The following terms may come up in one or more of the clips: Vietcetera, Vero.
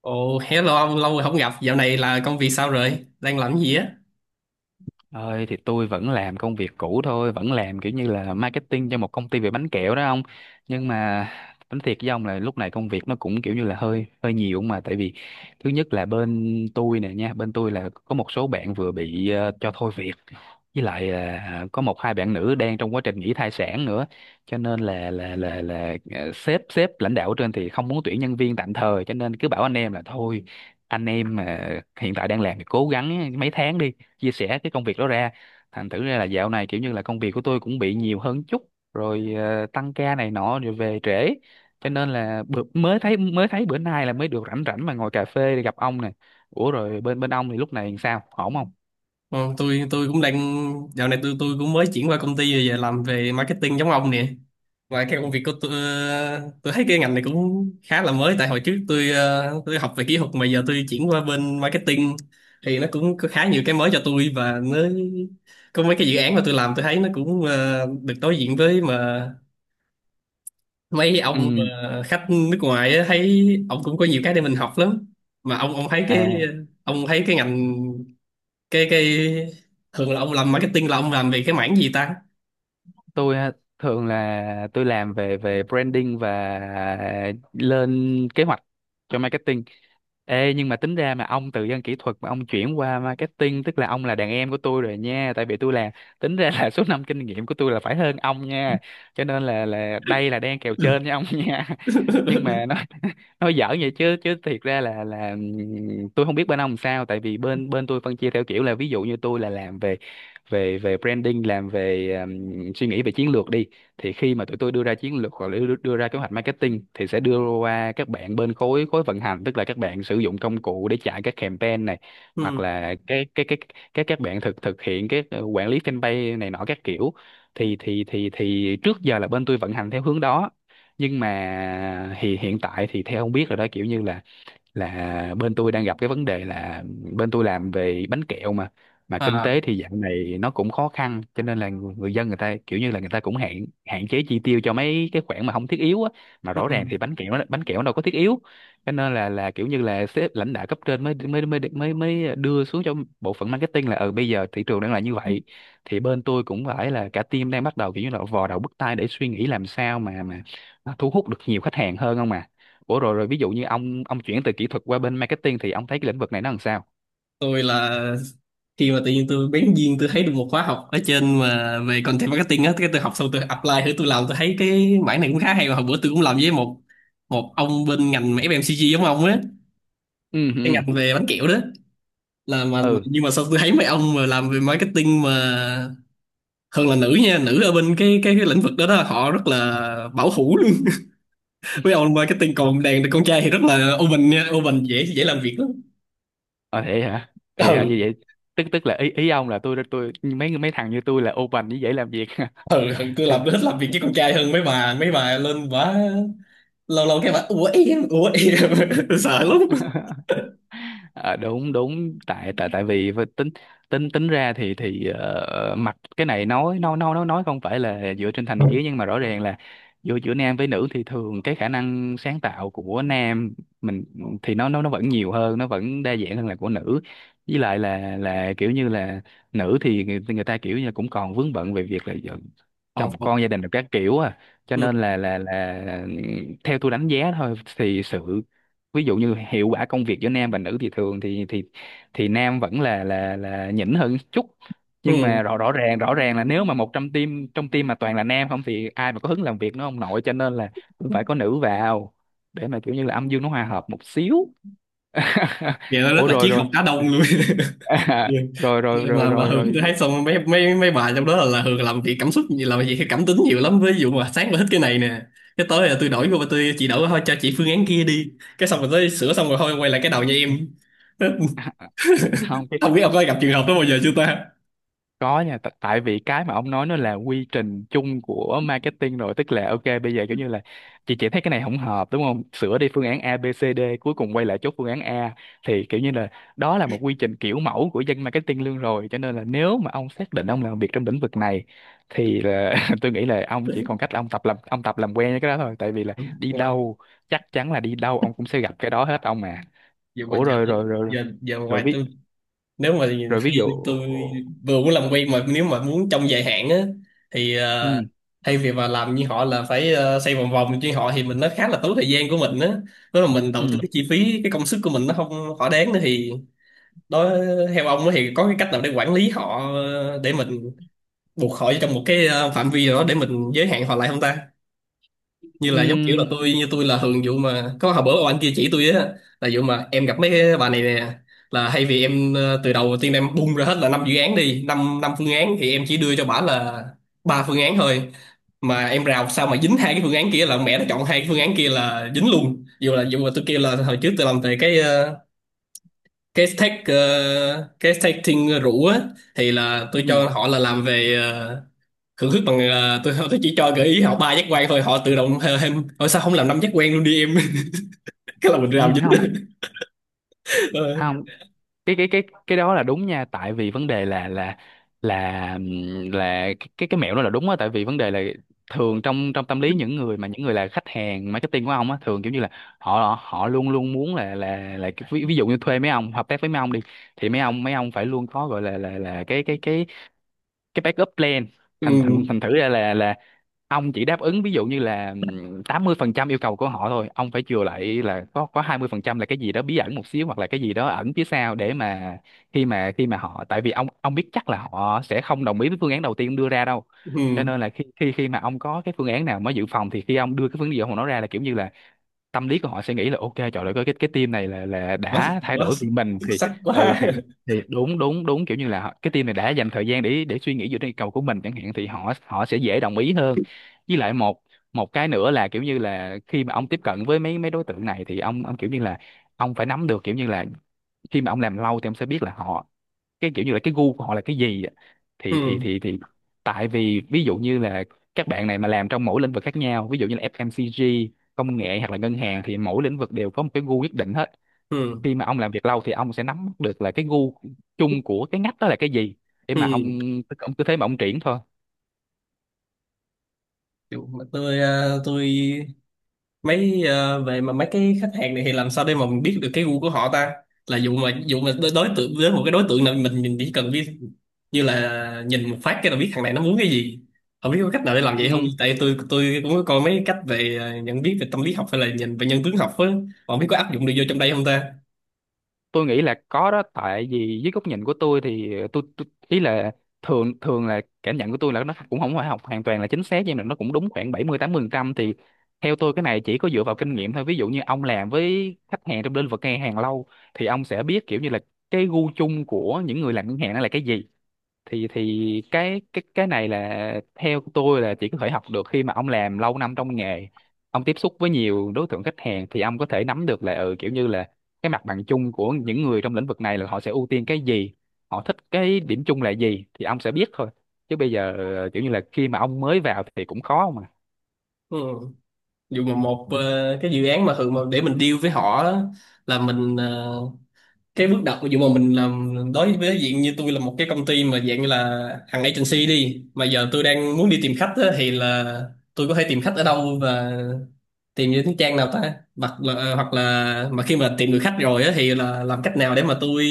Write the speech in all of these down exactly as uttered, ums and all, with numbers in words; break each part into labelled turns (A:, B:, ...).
A: Ồ, hello ông, lâu rồi không gặp. Dạo này là công việc sao rồi? Đang làm gì á?
B: Ơi thì tôi vẫn làm công việc cũ thôi, vẫn làm kiểu như là marketing cho một công ty về bánh kẹo đó ông. Nhưng mà tính thiệt với ông là lúc này công việc nó cũng kiểu như là hơi hơi nhiều, mà tại vì thứ nhất là bên tôi nè nha, bên tôi là có một số bạn vừa bị ờ, cho thôi việc, với lại à, à, có một hai bạn nữ đang trong quá trình nghỉ thai sản nữa, cho nên là là là là à, sếp sếp lãnh đạo ở trên thì không muốn tuyển nhân viên tạm thời, cho nên cứ bảo anh em là thôi, anh em mà hiện tại đang làm thì cố gắng mấy tháng đi, chia sẻ cái công việc đó ra. Thành thử ra là dạo này kiểu như là công việc của tôi cũng bị nhiều hơn chút rồi, à, tăng ca này nọ rồi về trễ, cho nên là bữa, mới thấy mới thấy bữa nay là mới được rảnh rảnh mà ngồi cà phê để gặp ông nè. Ủa rồi bên bên ông thì lúc này sao, ổn không?
A: Ờ, tôi tôi cũng đang Dạo này tôi tôi cũng mới chuyển qua công ty rồi giờ làm về marketing giống ông nè. Và cái công việc của tôi, ờ, tôi thấy cái ngành này cũng khá là mới tại hồi trước tôi ờ, tôi học về kỹ thuật mà giờ tôi chuyển qua bên marketing thì nó cũng có khá nhiều cái mới cho tôi, và nó có mấy cái dự án mà tôi làm tôi thấy nó cũng ờ, được đối diện với mà mấy ông
B: Ừ,
A: ờ, khách nước ngoài á, thấy ông cũng có nhiều cái để mình học lắm. Mà ông ông thấy cái
B: à,
A: ông thấy cái ngành, cái cái thường là ông làm marketing là ông làm về cái mảng gì ta?
B: tôi á, thường là tôi làm về về branding và lên kế hoạch cho marketing. Ê, nhưng mà tính ra mà ông từ dân kỹ thuật mà ông chuyển qua marketing, tức là ông là đàn em của tôi rồi nha, tại vì tôi là, tính ra là số năm kinh nghiệm của tôi là phải hơn ông nha, cho nên là là đây là đang kèo trên với ông nha. Nhưng mà nói, nói giỡn vậy chứ, chứ thiệt ra là là ừm, tôi không biết bên ông sao, tại vì bên bên tôi phân chia theo kiểu là ví dụ như tôi là làm về về về branding, làm về suy nghĩ về chiến lược đi, thì khi mà tụi tôi đưa ra chiến lược hoặc là đưa, đưa ra kế hoạch marketing thì sẽ đưa qua các bạn bên khối khối vận hành, tức là các bạn sử dụng công cụ để chạy các campaign này, hoặc
A: Ừ.
B: là cái cái cái các các bạn thực thực hiện cái quản lý fanpage này nọ các kiểu. Thì thì thì thì trước giờ là bên tôi vận hành theo hướng đó, nhưng mà thì hiện tại thì theo không biết rồi đó, kiểu như là là bên tôi đang gặp cái vấn đề là bên tôi làm về bánh kẹo, mà mà kinh
A: À.
B: tế thì dạo này nó cũng khó khăn, cho nên là người dân người ta kiểu như là người ta cũng hạn hạn chế chi tiêu cho mấy cái khoản mà không thiết yếu á. Mà
A: Ừ.
B: rõ ràng thì bánh kẹo nó bánh kẹo nó đâu có thiết yếu, cho nên là là kiểu như là sếp lãnh đạo cấp trên mới mới mới mới mới đưa xuống cho bộ phận marketing là, ừ bây giờ thị trường đang là như vậy thì bên tôi cũng phải là cả team đang bắt đầu kiểu như là vò đầu bứt tai để suy nghĩ làm sao mà mà nó thu hút được nhiều khách hàng hơn không à. Ủa rồi rồi ví dụ như ông ông chuyển từ kỹ thuật qua bên marketing thì ông thấy cái lĩnh vực này nó làm sao?
A: tôi là Khi mà tự nhiên tôi bén duyên tôi thấy được một khóa học ở trên mà về content marketing á, cái tôi học xong tôi apply thử tôi làm tôi thấy cái mảng này cũng khá hay. Mà hồi bữa tôi cũng làm với một một ông bên ngành mà ép em xê giê giống ông á,
B: Ừ
A: cái
B: ừ
A: ngành về bánh kẹo đó. Là mà mà-
B: ừ
A: nhưng mà sao tôi thấy mấy ông mà làm về marketing mà hơn là nữ nha, nữ ở bên cái cái, cái lĩnh vực đó đó họ rất là bảo thủ luôn. Mấy ông marketing còn đàn con trai thì rất là open nha, open dễ dễ làm việc lắm.
B: ờ Vậy hả? Vậy hả,
A: Ừ
B: như vậy tức tức là ý ý ông là tôi tôi mấy mấy thằng như tôi là open như vậy làm việc.
A: ừ ừ, tôi
B: Thì,
A: làm tôi thích làm việc với con trai hơn. Mấy bà mấy bà lên bả lâu lâu cái bả: ủa em, ủa em. Tôi sợ lắm.
B: ờ, đúng đúng, tại tại tại vì với tính tính tính ra thì thì ờ, mặt cái này nói nói nói nói nói không phải là dựa trên
A: Ừ.
B: thành kiến, nhưng mà rõ ràng là giữa giữa nam với nữ thì thường cái khả năng sáng tạo của nam mình thì nó nó nó vẫn nhiều hơn, nó vẫn đa dạng hơn là của nữ. Với lại là là kiểu như là nữ thì người, người ta kiểu như cũng còn vướng bận về việc là
A: Học
B: chồng
A: học.
B: con gia đình được các kiểu à, cho
A: Ừ.
B: nên là là là ừ, theo tôi đánh giá thôi thì sự, ví dụ như hiệu quả công việc giữa nam và nữ thì thường thì thì thì nam vẫn là là là nhỉnh hơn chút. Nhưng
A: Ừ.
B: mà rõ rõ ràng rõ ràng là nếu mà một trong team trong team mà toàn là nam không thì ai mà có hứng làm việc, nó không nội, cho nên là cũng phải có nữ vào để mà kiểu như là âm dương nó hòa hợp một xíu.
A: Vậy nó rất
B: Ủa
A: là
B: rồi
A: triết
B: rồi,
A: học cá đông luôn.
B: rồi rồi rồi
A: mà mà
B: rồi
A: Hường
B: rồi
A: tôi thấy xong mấy mấy mấy bà trong đó là, là Hường làm việc cảm xúc nhiều, làm việc theo cảm tính nhiều lắm. Ví dụ mà sáng là thích cái này nè, cái tối là tôi đổi vô tôi chị đổi thôi cho chị phương án kia đi, cái xong rồi tới sửa xong rồi thôi quay lại cái đầu như em.
B: không.
A: Không biết ông có gặp trường hợp đó bao giờ chưa ta?
B: Có nha, t- tại vì cái mà ông nói nó là quy trình chung của marketing rồi, tức là ok bây giờ kiểu như là chị chị thấy cái này không hợp đúng không? Sửa đi phương án A, B, C, D, cuối cùng quay lại chốt phương án A, thì kiểu như là đó là một quy trình kiểu mẫu của dân marketing luôn rồi, cho nên là nếu mà ông xác định ông làm việc trong lĩnh vực này thì là tôi nghĩ là ông chỉ còn cách là ông tập làm ông tập làm quen với cái đó thôi, tại vì là đi
A: Ngoài-
B: đâu, chắc chắn là đi đâu ông cũng sẽ gặp cái đó hết ông mà.
A: giờ ngoài
B: Ủa
A: giờ
B: rồi rồi rồi
A: giờ giờ
B: rồi
A: ngoài
B: ví
A: tôi nếu mà
B: rồi ví
A: khi
B: dụ.
A: tôi vừa muốn làm quen, mà nếu mà muốn trong dài hạn á, thì
B: Ừ
A: ờ, thay vì mà làm như họ là phải, ờ, xoay vòng vòng như họ thì mình nó khá là tốn thời gian của mình á, nếu mà mình
B: ừ
A: đầu tư cái chi phí cái công sức của mình nó không thỏa đáng nữa thì đó. Theo ông á thì có cái cách nào để quản lý họ, ờ, để mình buộc họ trong một cái, ờ, phạm vi nào đó để mình giới hạn họ lại không ta? Như
B: ừ.
A: là giống kiểu là tôi như tôi là thường vụ mà có hồi bữa anh kia chỉ tôi á, là vụ mà em gặp mấy cái bà này nè, là hay vì em, ờ, từ đầu tiên em bung ra hết là năm dự án đi, năm năm phương án thì em chỉ đưa cho bả là ba phương án thôi. Mà em rào sao mà dính hai cái phương án kia là mẹ nó chọn hai cái phương án kia là dính luôn, dù là dù mà tôi kêu là hồi trước tôi làm về cái, ờ, cái tech, ờ, cái testing rủ á. Thì là tôi
B: Ừ,
A: cho họ là làm về, ờ, Cưỡng khích bằng, ờ, tôi tôi chỉ cho gợi ý họ ba giác quan thôi họ tự động hê- thêm thôi, sao không làm năm giác quan luôn đi em? Cái là mình
B: ừ,
A: làm
B: không
A: dính. Ờ,
B: không, cái cái cái cái đó là đúng nha, tại vì vấn đề là là là ừm, là cái cái cái mẹo đó là đúng á, tại vì vấn đề là thường trong trong tâm lý những người mà những người là khách hàng marketing của ông á thường kiểu như là họ họ luôn luôn muốn là là là cái- ví, ví dụ như thuê mấy ông hợp tác với mấy ông đi thì mấy ông mấy ông phải luôn có gọi là là là cái cái cái cái backup plan.
A: ừ
B: Thành thành thành thử ra là là ông chỉ đáp ứng ví dụ như là ừm, tám mươi phần trăm yêu cầu của họ thôi, ông phải chừa lại là có có hai mươi phần trăm là cái gì đó bí ẩn một xíu, hoặc là cái gì đó ẩn phía sau để mà khi mà khi mà họ, tại vì ông ông biết chắc là họ sẽ không đồng ý với phương án đầu tiên ông đưa ra đâu, cho
A: ừ,
B: nên là khi khi khi mà ông có cái phương án nào mới dự phòng thì khi ông đưa cái phương án gì ông nói ra là kiểu như là tâm lý của họ sẽ nghĩ là, ok trời ơi cái cái team này là là
A: quá
B: đã thay
A: quá
B: đổi vì
A: xuất
B: mình. Thì
A: sắc
B: ừ,
A: quá.
B: thì thì đúng đúng đúng, kiểu như là họ- cái team này đã dành thời gian để để suy nghĩ về cái cầu của mình chẳng hạn, thì họ họ sẽ dễ đồng ý hơn. Với lại một một cái nữa là kiểu như là khi mà ông tiếp cận với mấy mấy đối tượng này thì ông ông kiểu như là ông phải nắm được kiểu như là khi mà ông làm lâu thì ông sẽ biết là họ, cái kiểu như là cái gu của họ là cái gì á. thì thì
A: Ừ
B: thì thì tại vì ví dụ như là các bạn này mà làm trong mỗi lĩnh vực khác nhau, ví dụ như là ép em xê giê, công nghệ hoặc là ngân hàng, thì mỗi lĩnh vực đều có một cái gu nhất định hết.
A: ừ
B: Khi mà ông làm việc lâu thì ông sẽ nắm bắt được là cái gu chung của cái ngách đó là cái gì, để mà ông
A: ừ.
B: ông cứ thế mà ông triển thôi.
A: Kiểu mà tôi ờ, tôi mấy, ờ, về mà mấy cái khách hàng này thì làm sao để mà mình biết được cái gu của họ ta? Là dụ mà dụ mà đối đối tượng với một cái đối tượng nào, mình mình chỉ cần biết như là nhìn một phát cái là biết thằng này nó muốn cái gì. Không biết có cách nào để làm vậy không,
B: Ừ,
A: tại tôi tôi cũng có coi mấy cách về, ờ, nhận biết về tâm lý học hay là nhìn về nhân tướng học á, còn biết có áp dụng được vô trong đây không ta?
B: tôi nghĩ là có đó, tại vì dưới góc nhìn của tôi thì tôi, tôi ý là thường thường là cảm nhận của tôi là nó cũng không phải học hoàn toàn là chính xác, nhưng mà nó cũng đúng khoảng bảy mươi tám mươi phần trăm. Thì theo tôi cái này chỉ có dựa vào kinh nghiệm thôi, ví dụ như ông làm với khách hàng trong lĩnh vực ngân hàng lâu thì ông sẽ biết kiểu như là cái gu chung của những người làm ngân hàng nó là cái gì. thì thì cái cái cái này là theo tôi là chỉ có thể học được khi mà ông làm lâu năm trong nghề, ông tiếp xúc với nhiều đối tượng khách hàng thì ông có thể nắm được là, ừ, kiểu như là cái mặt bằng chung của những người trong lĩnh vực này là họ sẽ ưu tiên cái gì, họ thích cái điểm chung là gì, thì ông sẽ biết thôi. Chứ bây giờ ờ, kiểu như là khi mà ông mới vào thì cũng khó mà.
A: Ừ. Dù mà một, ờ, cái dự án mà thường mà để mình deal với họ á, là mình, ờ, cái bước đầu của dụ mà mình làm đối với diện như tôi là một cái công ty mà dạng như là hàng agency đi, mà giờ tôi đang muốn đi tìm khách á, thì là tôi có thể tìm khách ở đâu và tìm những trang nào ta? Hoặc là à, hoặc là mà khi mà tìm được khách rồi á, thì là làm cách nào để mà tôi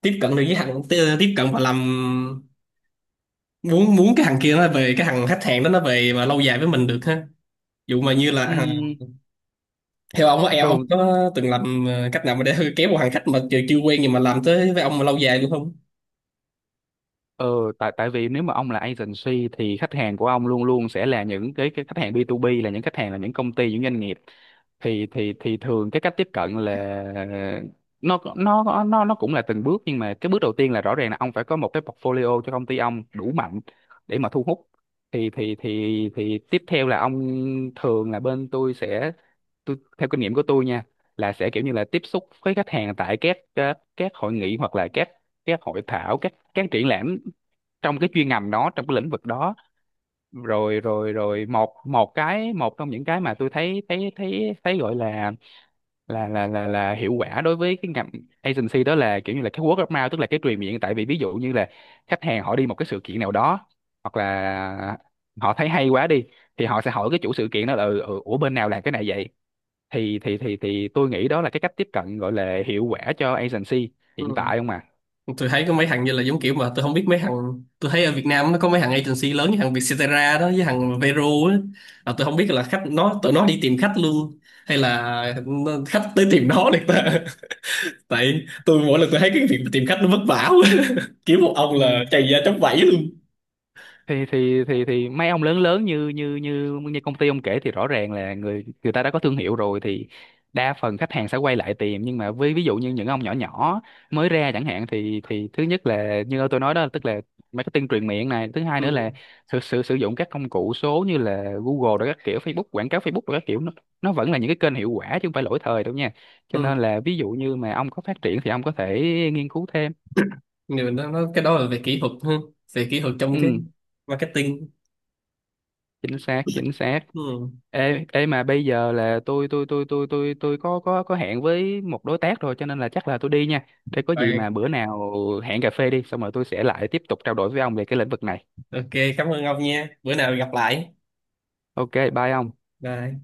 A: tiếp cận được với hàng tiếp tiếp cận và làm muốn muốn cái hàng kia nó về cái hàng khách hàng đó nó về mà lâu dài với mình được ha? Dụ mà như là
B: Ừ,
A: à, theo ông á, em ông
B: thường,
A: có từng làm, ờ, cách nào mà để kéo một hàng khách mà chưa chưa quen nhưng mà làm tới với ông mà lâu dài luôn không?
B: ờ, tại tại vì nếu mà ông là agency thì khách hàng của ông luôn luôn sẽ là những cái cái khách hàng bi tu bi, là những khách hàng là những công ty, những doanh nghiệp. Thì thì thì thường cái cách tiếp cận là nó nó nó nó cũng là từng bước, nhưng mà cái bước đầu tiên là rõ ràng là ông phải có một cái portfolio cho công ty ông đủ mạnh để mà thu hút. Thì thì thì thì tiếp theo là ông, thường là bên tôi sẽ, tôi theo kinh nghiệm của tôi nha, là sẽ kiểu như là tiếp xúc với khách hàng tại các các, các hội nghị, hoặc là các các hội thảo, các các triển lãm trong cái chuyên ngành đó, trong cái lĩnh vực đó. Rồi rồi rồi một một cái, một trong những cái mà tôi thấy thấy thấy thấy gọi là là là là, là hiệu quả đối với cái ngành agency, đó là kiểu như là cái word of mouth, tức là cái truyền miệng. Tại vì ví dụ như là khách hàng họ đi một cái sự kiện nào đó, hoặc là họ thấy hay quá đi, thì họ sẽ hỏi cái chủ sự kiện đó là, ừ, ừ, ủa bên nào làm cái này vậy? Thì thì thì thì tôi nghĩ đó là cái cách tiếp cận gọi là hiệu quả cho agency
A: Ừ.
B: hiện tại không à.
A: Tôi thấy có mấy thằng như là giống kiểu mà tôi không biết, mấy thằng tôi thấy ở Việt Nam nó có mấy thằng agency lớn như thằng Vietcetera đó với thằng Vero á, là tôi không biết là khách nó tụi nó đi tìm khách luôn hay là nó- khách tới tìm nó được ta? Tại tôi mỗi lần tôi thấy cái việc tìm khách nó vất vả quá. Kiểu một ông là
B: Ừ,
A: chày da tróc vẫy luôn.
B: thì thì thì thì mấy ông lớn lớn như như như như công ty ông kể thì rõ ràng là người người ta đã có thương hiệu rồi thì đa phần khách hàng sẽ quay lại tìm. Nhưng mà với ví dụ như những ông nhỏ nhỏ mới ra chẳng hạn thì thì thứ nhất là như tôi nói đó, tức là marketing truyền miệng này. Thứ hai nữa là
A: Ừ
B: thực sự sử dụng các công cụ số như là Google rồi các kiểu, Facebook, quảng cáo Facebook rồi các kiểu, nó nó vẫn là những cái kênh hiệu quả chứ không phải lỗi thời đâu nha. Cho nên
A: ừ.
B: là ví dụ như mà ông có phát triển thì ông có thể nghiên cứu thêm.
A: Nhiều nó, nó cái đó là về kỹ thuật ha, về kỹ thuật trong cái
B: Ừ,
A: marketing.
B: chính xác chính xác.
A: Ừ.
B: Ê, ê, mà bây giờ là tôi tôi tôi tôi tôi tôi có có có hẹn với một đối tác rồi, cho nên là chắc là tôi đi nha. Để có gì
A: Rồi,
B: mà bữa nào hẹn cà phê đi xong rồi tôi sẽ lại tiếp tục trao đổi với ông về cái lĩnh vực này.
A: ok, cảm ơn ông nha, bữa nào gặp lại.
B: Ok, bye ông.
A: Bye.